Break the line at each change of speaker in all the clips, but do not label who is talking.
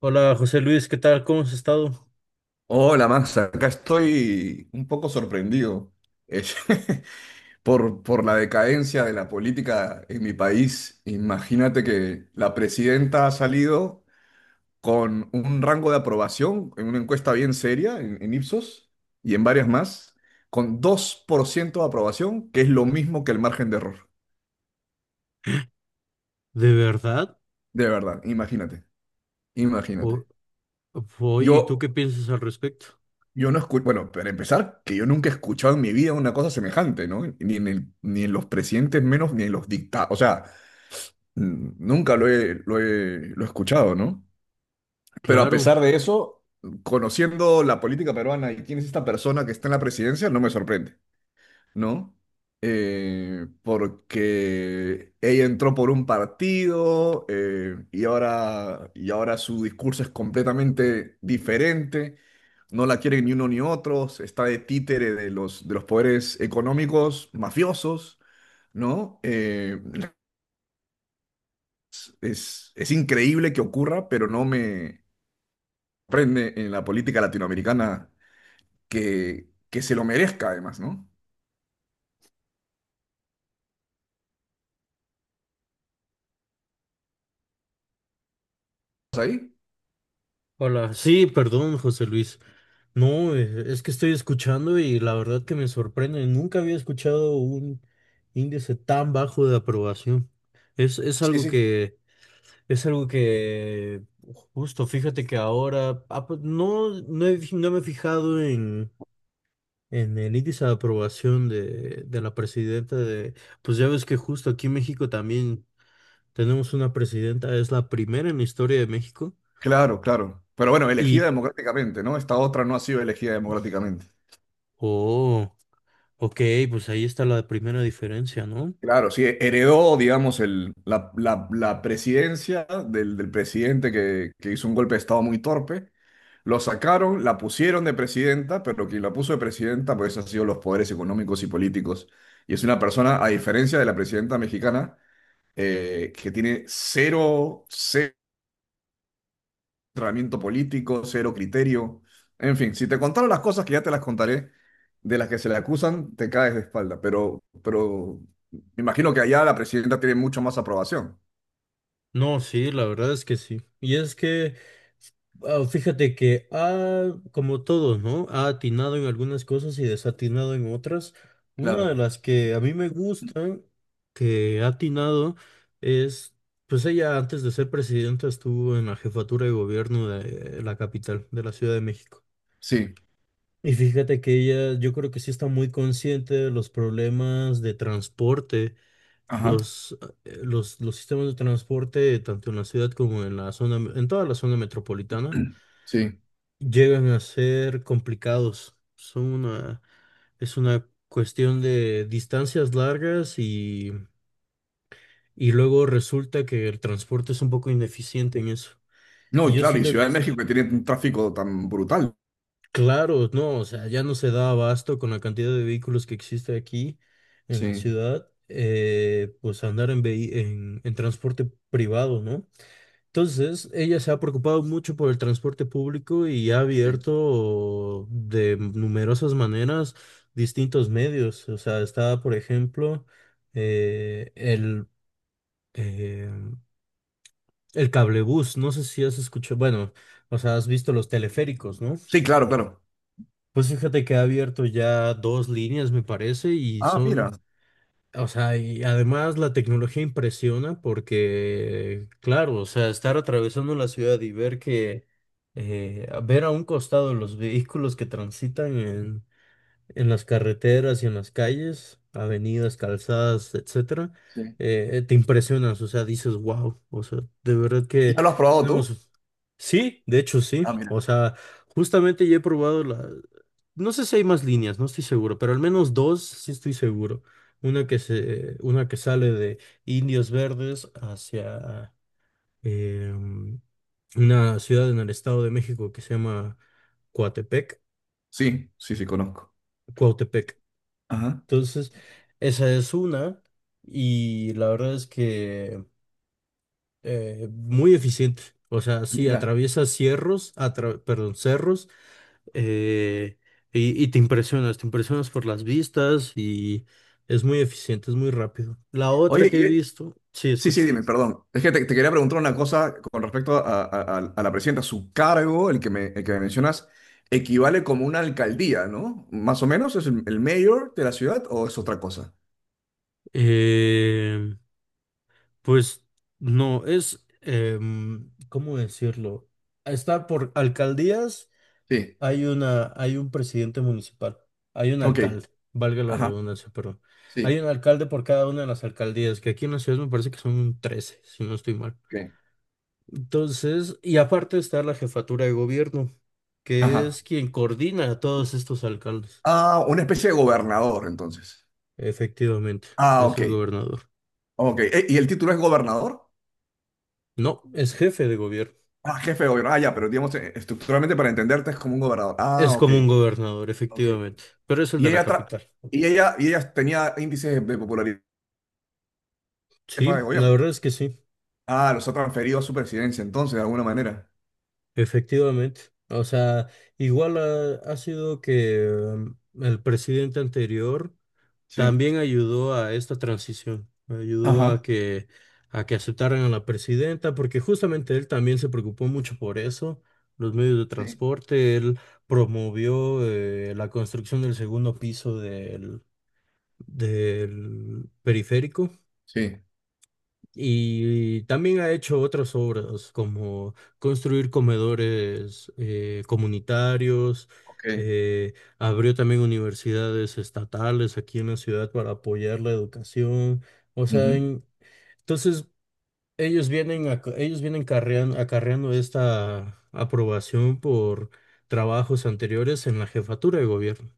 Hola José Luis, ¿qué tal? ¿Cómo has estado?
Hola, Max, acá estoy un poco sorprendido eh, por la decadencia de la política en mi país. Imagínate que la presidenta ha salido con un rango de aprobación en una encuesta bien seria en Ipsos y en varias más, con 2% de aprobación, que es lo mismo que el margen de error.
¿De verdad?
De verdad, imagínate, imagínate.
O- Oye, ¿y tú
Yo
qué piensas al respecto?
Yo no escucho, bueno, para empezar, que yo nunca he escuchado en mi vida una cosa semejante, ¿no? Ni en los presidentes menos, ni en los dictados. O sea, nunca lo he escuchado, ¿no? Pero a
Claro.
pesar de eso, conociendo la política peruana y quién es esta persona que está en la presidencia, no me sorprende, ¿no? Porque ella entró por un partido y ahora su discurso es completamente diferente. No la quieren ni uno ni otros, está de títere de los poderes económicos mafiosos, ¿no? Es increíble que ocurra, pero no me prende en la política latinoamericana que se lo merezca además, ¿no? ¿Estás ahí?
Hola, sí, perdón, José Luis. No, es que estoy escuchando y la verdad que me sorprende. Nunca había escuchado un índice tan bajo de aprobación. Es
Sí,
algo
sí.
que, es algo que, justo, fíjate que ahora, ah, pues, no, no me he fijado en el índice de aprobación de la presidenta de, pues ya ves que justo aquí en México también tenemos una presidenta, es la primera en la historia de México.
Claro, claro. Pero bueno, elegida
Y,
democráticamente, ¿no? Esta otra no ha sido elegida democráticamente.
oh, ok, pues ahí está la primera diferencia, ¿no?
Claro, sí, heredó, digamos, la presidencia del presidente que hizo un golpe de Estado muy torpe. Lo sacaron, la pusieron de presidenta, pero quien la puso de presidenta pues han sido los poderes económicos y políticos. Y es una persona, a diferencia de la presidenta mexicana, que tiene cero entrenamiento político, cero criterio. En fin, si te contaron las cosas, que ya te las contaré, de las que se le acusan, te caes de espalda. Pero me imagino que allá la presidenta tiene mucho más aprobación.
No, sí, la verdad es que sí. Y es que, ah, fíjate que ha, como todos, ¿no? Ha atinado en algunas cosas y desatinado en otras. Una de
Claro.
las que a mí me gusta que ha atinado es, pues ella antes de ser presidenta estuvo en la jefatura de gobierno de la capital, de la Ciudad de México.
Sí,
Y fíjate que ella, yo creo que sí está muy consciente de los problemas de transporte
ajá,
los, los sistemas de transporte, tanto en la ciudad como en la zona, en toda la zona metropolitana,
sí.
llegan a ser complicados. Son una, es una cuestión de distancias largas y luego resulta que el transporte es un poco ineficiente en eso.
No,
Y
y
yo
claro, y Ciudad
siento,
de México que tiene un tráfico tan brutal.
claro, no, o sea, ya no se da abasto con la cantidad de vehículos que existe aquí en la
Sí.
ciudad, pues andar en, en transporte privado, ¿no? Entonces, ella se ha preocupado mucho por el transporte público y ha
Sí.
abierto de numerosas maneras distintos medios. O sea, está, por ejemplo, eh, el, eh, el cablebús. No sé si has escuchado, bueno, o sea, has visto los teleféricos, ¿no?
Sí, claro, claro.
Pues fíjate que ha abierto ya dos líneas, me parece, y
Ah, mira.
son. O sea, y además la tecnología impresiona porque, claro, o sea, estar atravesando la ciudad y ver que, ver a un costado los vehículos que transitan en las carreteras y en las calles, avenidas, calzadas, etcétera,
Sí.
te impresionas, o sea, dices, wow, o sea, de verdad
¿Y
que
¿Ya lo has probado tú?
tenemos, sí, de hecho
Ah,
sí,
mira.
o sea, justamente ya he probado la, no sé si hay más líneas, no estoy seguro, pero al menos dos sí estoy seguro, una que sale de Indios Verdes hacia em, una ciudad en el Estado de México que se llama Coatepec,
Sí, sí, sí, conozco.
Cuautepec.
Ajá.
Entonces, esa es una y la verdad es que muy eficiente. O sea, sí,
Mira.
perdón, cerros, eh, y te impresionas por las vistas y es muy eficiente, es muy rápido. La otra
Oye.
que he visto, sí,
Sí, sí,
escucho.
dime, perdón. Es que te quería preguntar una cosa con respecto a la presidenta. Su cargo, el que me mencionas, equivale como una alcaldía, ¿no? Más o menos, ¿es el mayor de la ciudad o es otra cosa?
eh, pues no, es, ¿cómo decirlo? Está por alcaldías.
Sí,
Hay una, hay un presidente municipal, hay un
ok,
alcalde, valga la
ajá,
redundancia, pero
sí,
hay un alcalde por cada una de las alcaldías, que aquí en la ciudad me parece que son 13 si no estoy mal.
ok,
Entonces, y aparte está la jefatura de gobierno, que
ajá.
es quien coordina a todos estos alcaldes.
Ah, una especie de gobernador, entonces.
Efectivamente,
Ah,
es
ok,
el gobernador.
ok. ¿Y el título es gobernador?
No, es jefe de gobierno.
Ah, jefe de gobierno. Ah, ya, pero digamos, estructuralmente para entenderte es como un gobernador. Ah,
Es
ok,
como un gobernador,
ok.
efectivamente, pero es el
Y
de la
ella, tra-
capital.
y ella tenía índices de popularidad de
Sí,
jefa de
la
gobierno.
verdad es que sí.
Ah, los ha transferido a su presidencia, entonces, de alguna manera.
Efectivamente, o sea, igual ha, ha sido que el presidente anterior
Sí.
también ayudó a esta transición, ayudó
Ajá.
a que aceptaran a la presidenta, porque justamente él también se preocupó mucho por eso, los medios de
Sí.
transporte, él promovió la construcción del segundo piso del, del periférico
Sí.
y también ha hecho otras obras como construir comedores comunitarios,
Ok.
abrió también universidades estatales aquí en la ciudad para apoyar la educación. O sea,
Ujú.
entonces acarreando esta aprobación por trabajos anteriores en la jefatura de gobierno.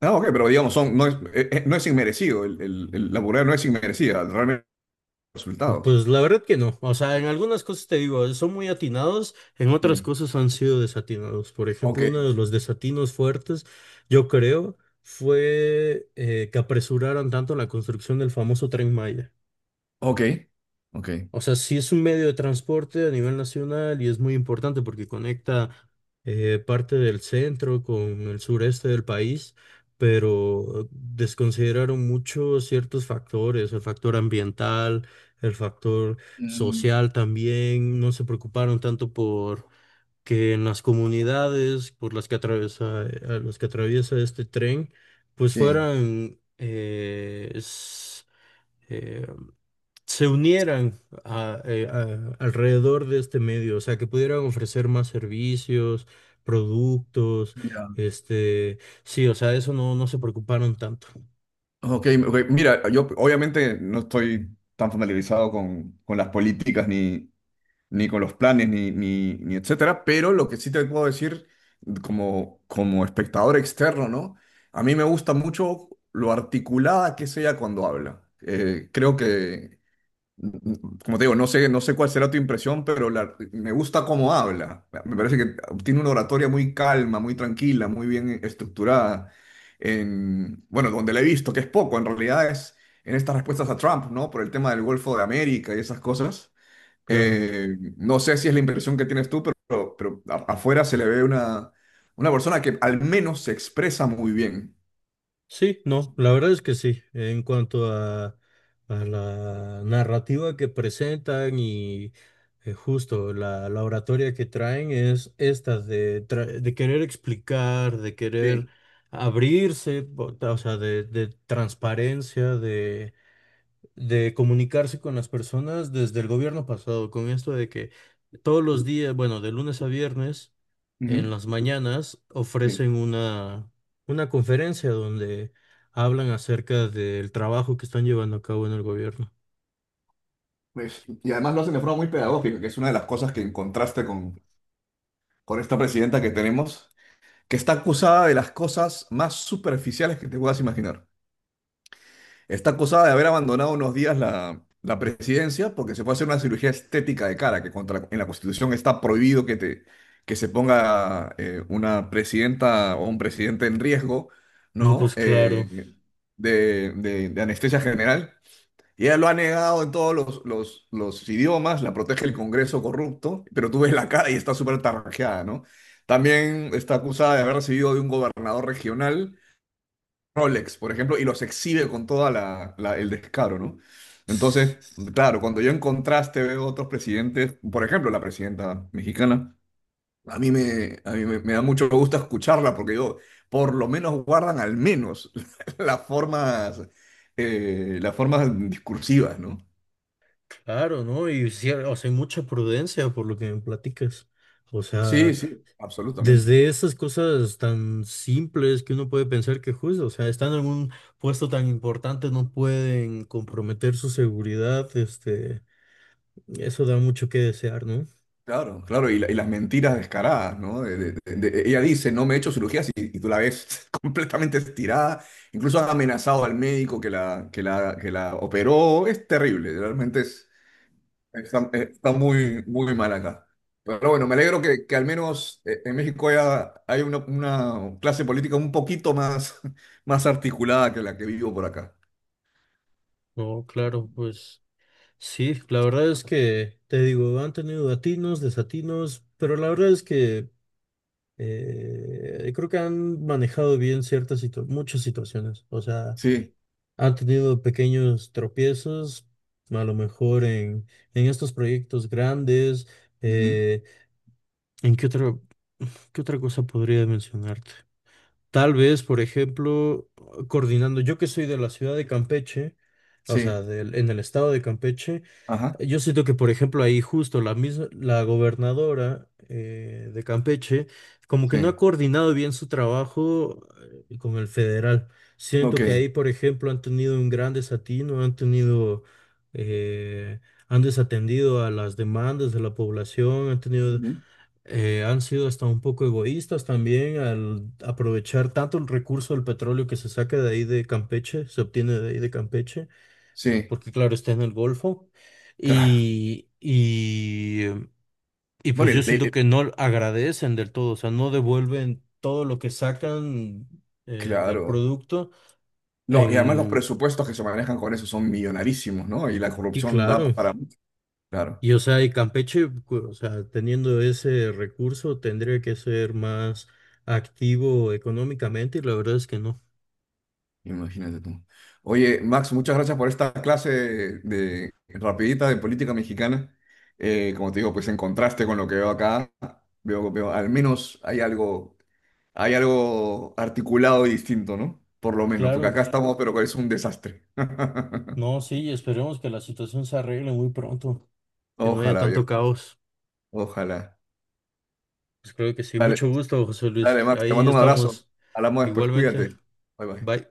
Ah, ok, pero digamos, son, no es, no es inmerecido. La burla no es inmerecida, realmente los resultados.
Pues la verdad que no. O sea, en algunas cosas te digo, son muy atinados, en otras
Sí.
cosas han sido desatinados. Por ejemplo,
Ok,
uno de los desatinos fuertes, yo creo, fue que apresuraron tanto la construcción del famoso Tren Maya.
ok, ok.
O sea, sí es un medio de transporte a nivel nacional y es muy importante porque conecta parte del centro con el sureste del país, pero desconsideraron mucho ciertos factores, el factor ambiental, el factor
Mm,
social también, no se preocuparon tanto por que en las comunidades por las que atraviesa, a las que atraviesa este tren, pues
sí.
fueran... eh, se unieran alrededor de este medio, o sea, que pudieran ofrecer más servicios, productos,
Ya.
este, sí, o sea, eso no, no se preocuparon tanto,
Ok, ok. Mira, yo obviamente no estoy tan familiarizado con las políticas ni, ni con los planes, ni etcétera, pero lo que sí te puedo decir como espectador externo, ¿no? A mí me gusta mucho lo articulada que es ella cuando habla. Creo que, mm, como te digo, no sé, no sé cuál será tu impresión, pero me gusta cómo habla. Me parece que tiene una oratoria muy calma, muy tranquila, muy bien estructurada. En, bueno, donde la he visto, que es poco, en realidad es en estas respuestas a Trump, ¿no? Por el tema del Golfo de América y esas cosas.
claro.
No sé si es la impresión que tienes tú, pero afuera se le ve una persona que al menos se expresa muy bien.
Sí, no, la verdad es que sí, en cuanto a la narrativa que presentan y justo la, la oratoria que traen es esta de, de querer explicar, de querer
Sí,
abrirse, o sea, de transparencia, de comunicarse con las personas desde el gobierno pasado, con esto de que todos los días, bueno, de lunes a viernes, en
ujú,
las mañanas
sí.
ofrecen una conferencia donde hablan acerca del trabajo que están llevando a cabo en el gobierno.
Pues, y además lo hacen de forma muy pedagógica, que es una de las cosas que en contraste con esta presidenta que tenemos, que está acusada de las cosas más superficiales que te puedas imaginar. Está acusada de haber abandonado unos días la presidencia porque se fue a hacer una cirugía estética de cara, que contra, en la Constitución está prohibido que, te, que se ponga una presidenta o un presidente en riesgo,
No,
¿no?
pues claro,
De anestesia general. Y ella lo ha negado en todos los idiomas, la protege el Congreso corrupto, pero tú ves la cara y está súper tarrajeada, ¿no? También está acusada de haber recibido de un gobernador regional Rolex, por ejemplo, y los exhibe con toda el descaro, ¿no? Entonces, claro, cuando yo en contraste veo otros presidentes, por ejemplo, la presidenta mexicana, a mí me me da mucho gusto escucharla porque yo, por lo menos, guardan al menos las formas, las formas discursivas, ¿no?
claro, ¿no? Y sí, o sea, hay mucha prudencia por lo que me platicas. O
Sí,
sea...
sí, absolutamente.
desde esas cosas tan simples que uno puede pensar que justo, o sea, estando en un puesto tan importante no pueden comprometer su seguridad, este, eso da mucho que desear, ¿no?
Claro, claro, y las mentiras descaradas, ¿no? Ella dice, no me he hecho cirugías, y tú la ves completamente estirada, incluso ha amenazado al médico que la operó, es terrible, realmente es, está, está muy, muy mal acá. Pero bueno, me alegro que al menos en México hay una clase política un poquito más, más articulada que la que vivo por acá.
No, claro, pues sí, la verdad es que, te digo, han tenido atinos, desatinos, pero la verdad es que creo que han manejado bien muchas situaciones, o sea...
Sí,
ha tenido pequeños tropiezos, a lo mejor en estos proyectos grandes.
ujú.
eh, ¿En qué otra cosa podría mencionarte? Tal vez, por ejemplo, coordinando, yo que soy de la ciudad de Campeche, o sea,
Sí,
en el estado de Campeche,
ajá,
yo siento que, por ejemplo, ahí justo la misma, la gobernadora de Campeche, como que no
sí,
ha coordinado bien su trabajo con el federal.
ok,
Siento que ahí, por ejemplo, han tenido un gran desatino, han tenido, eh, han desatendido a las demandas de la población, han tenido,
ujú.
han sido hasta un poco egoístas también al aprovechar tanto el recurso del petróleo que se saca de ahí de Campeche, se obtiene de ahí de Campeche
Sí,
porque claro, está en el Golfo
claro.
y, y pues
Bueno,
yo siento que no agradecen del todo, o sea, no devuelven todo lo que sacan del
Claro.
producto
No, y además los
en...
presupuestos que se manejan con eso son millonarísimos, ¿no? Y la
Y
corrupción da
claro,
para... Claro,
y o sea, y Campeche, o sea, teniendo ese recurso tendría que ser más activo económicamente y la verdad es que no.
imagínate tú. Oye, Max, muchas gracias por esta clase de rapidita de política mexicana. Como te digo, pues en contraste con lo que veo acá, veo, al menos hay algo articulado y distinto, ¿no? Por lo menos, porque
Claro,
acá estamos, pero es un desastre.
no, sí, esperemos que la situación se arregle muy pronto, que no haya
Ojalá,
tanto
viejo,
caos.
ojalá.
Pues creo que sí.
Dale,
Mucho gusto, José Luis.
dale, Max, te
Ahí
mando un abrazo.
estamos.
Hablamos después,
Igualmente.
cuídate. Bye, bye.
Bye.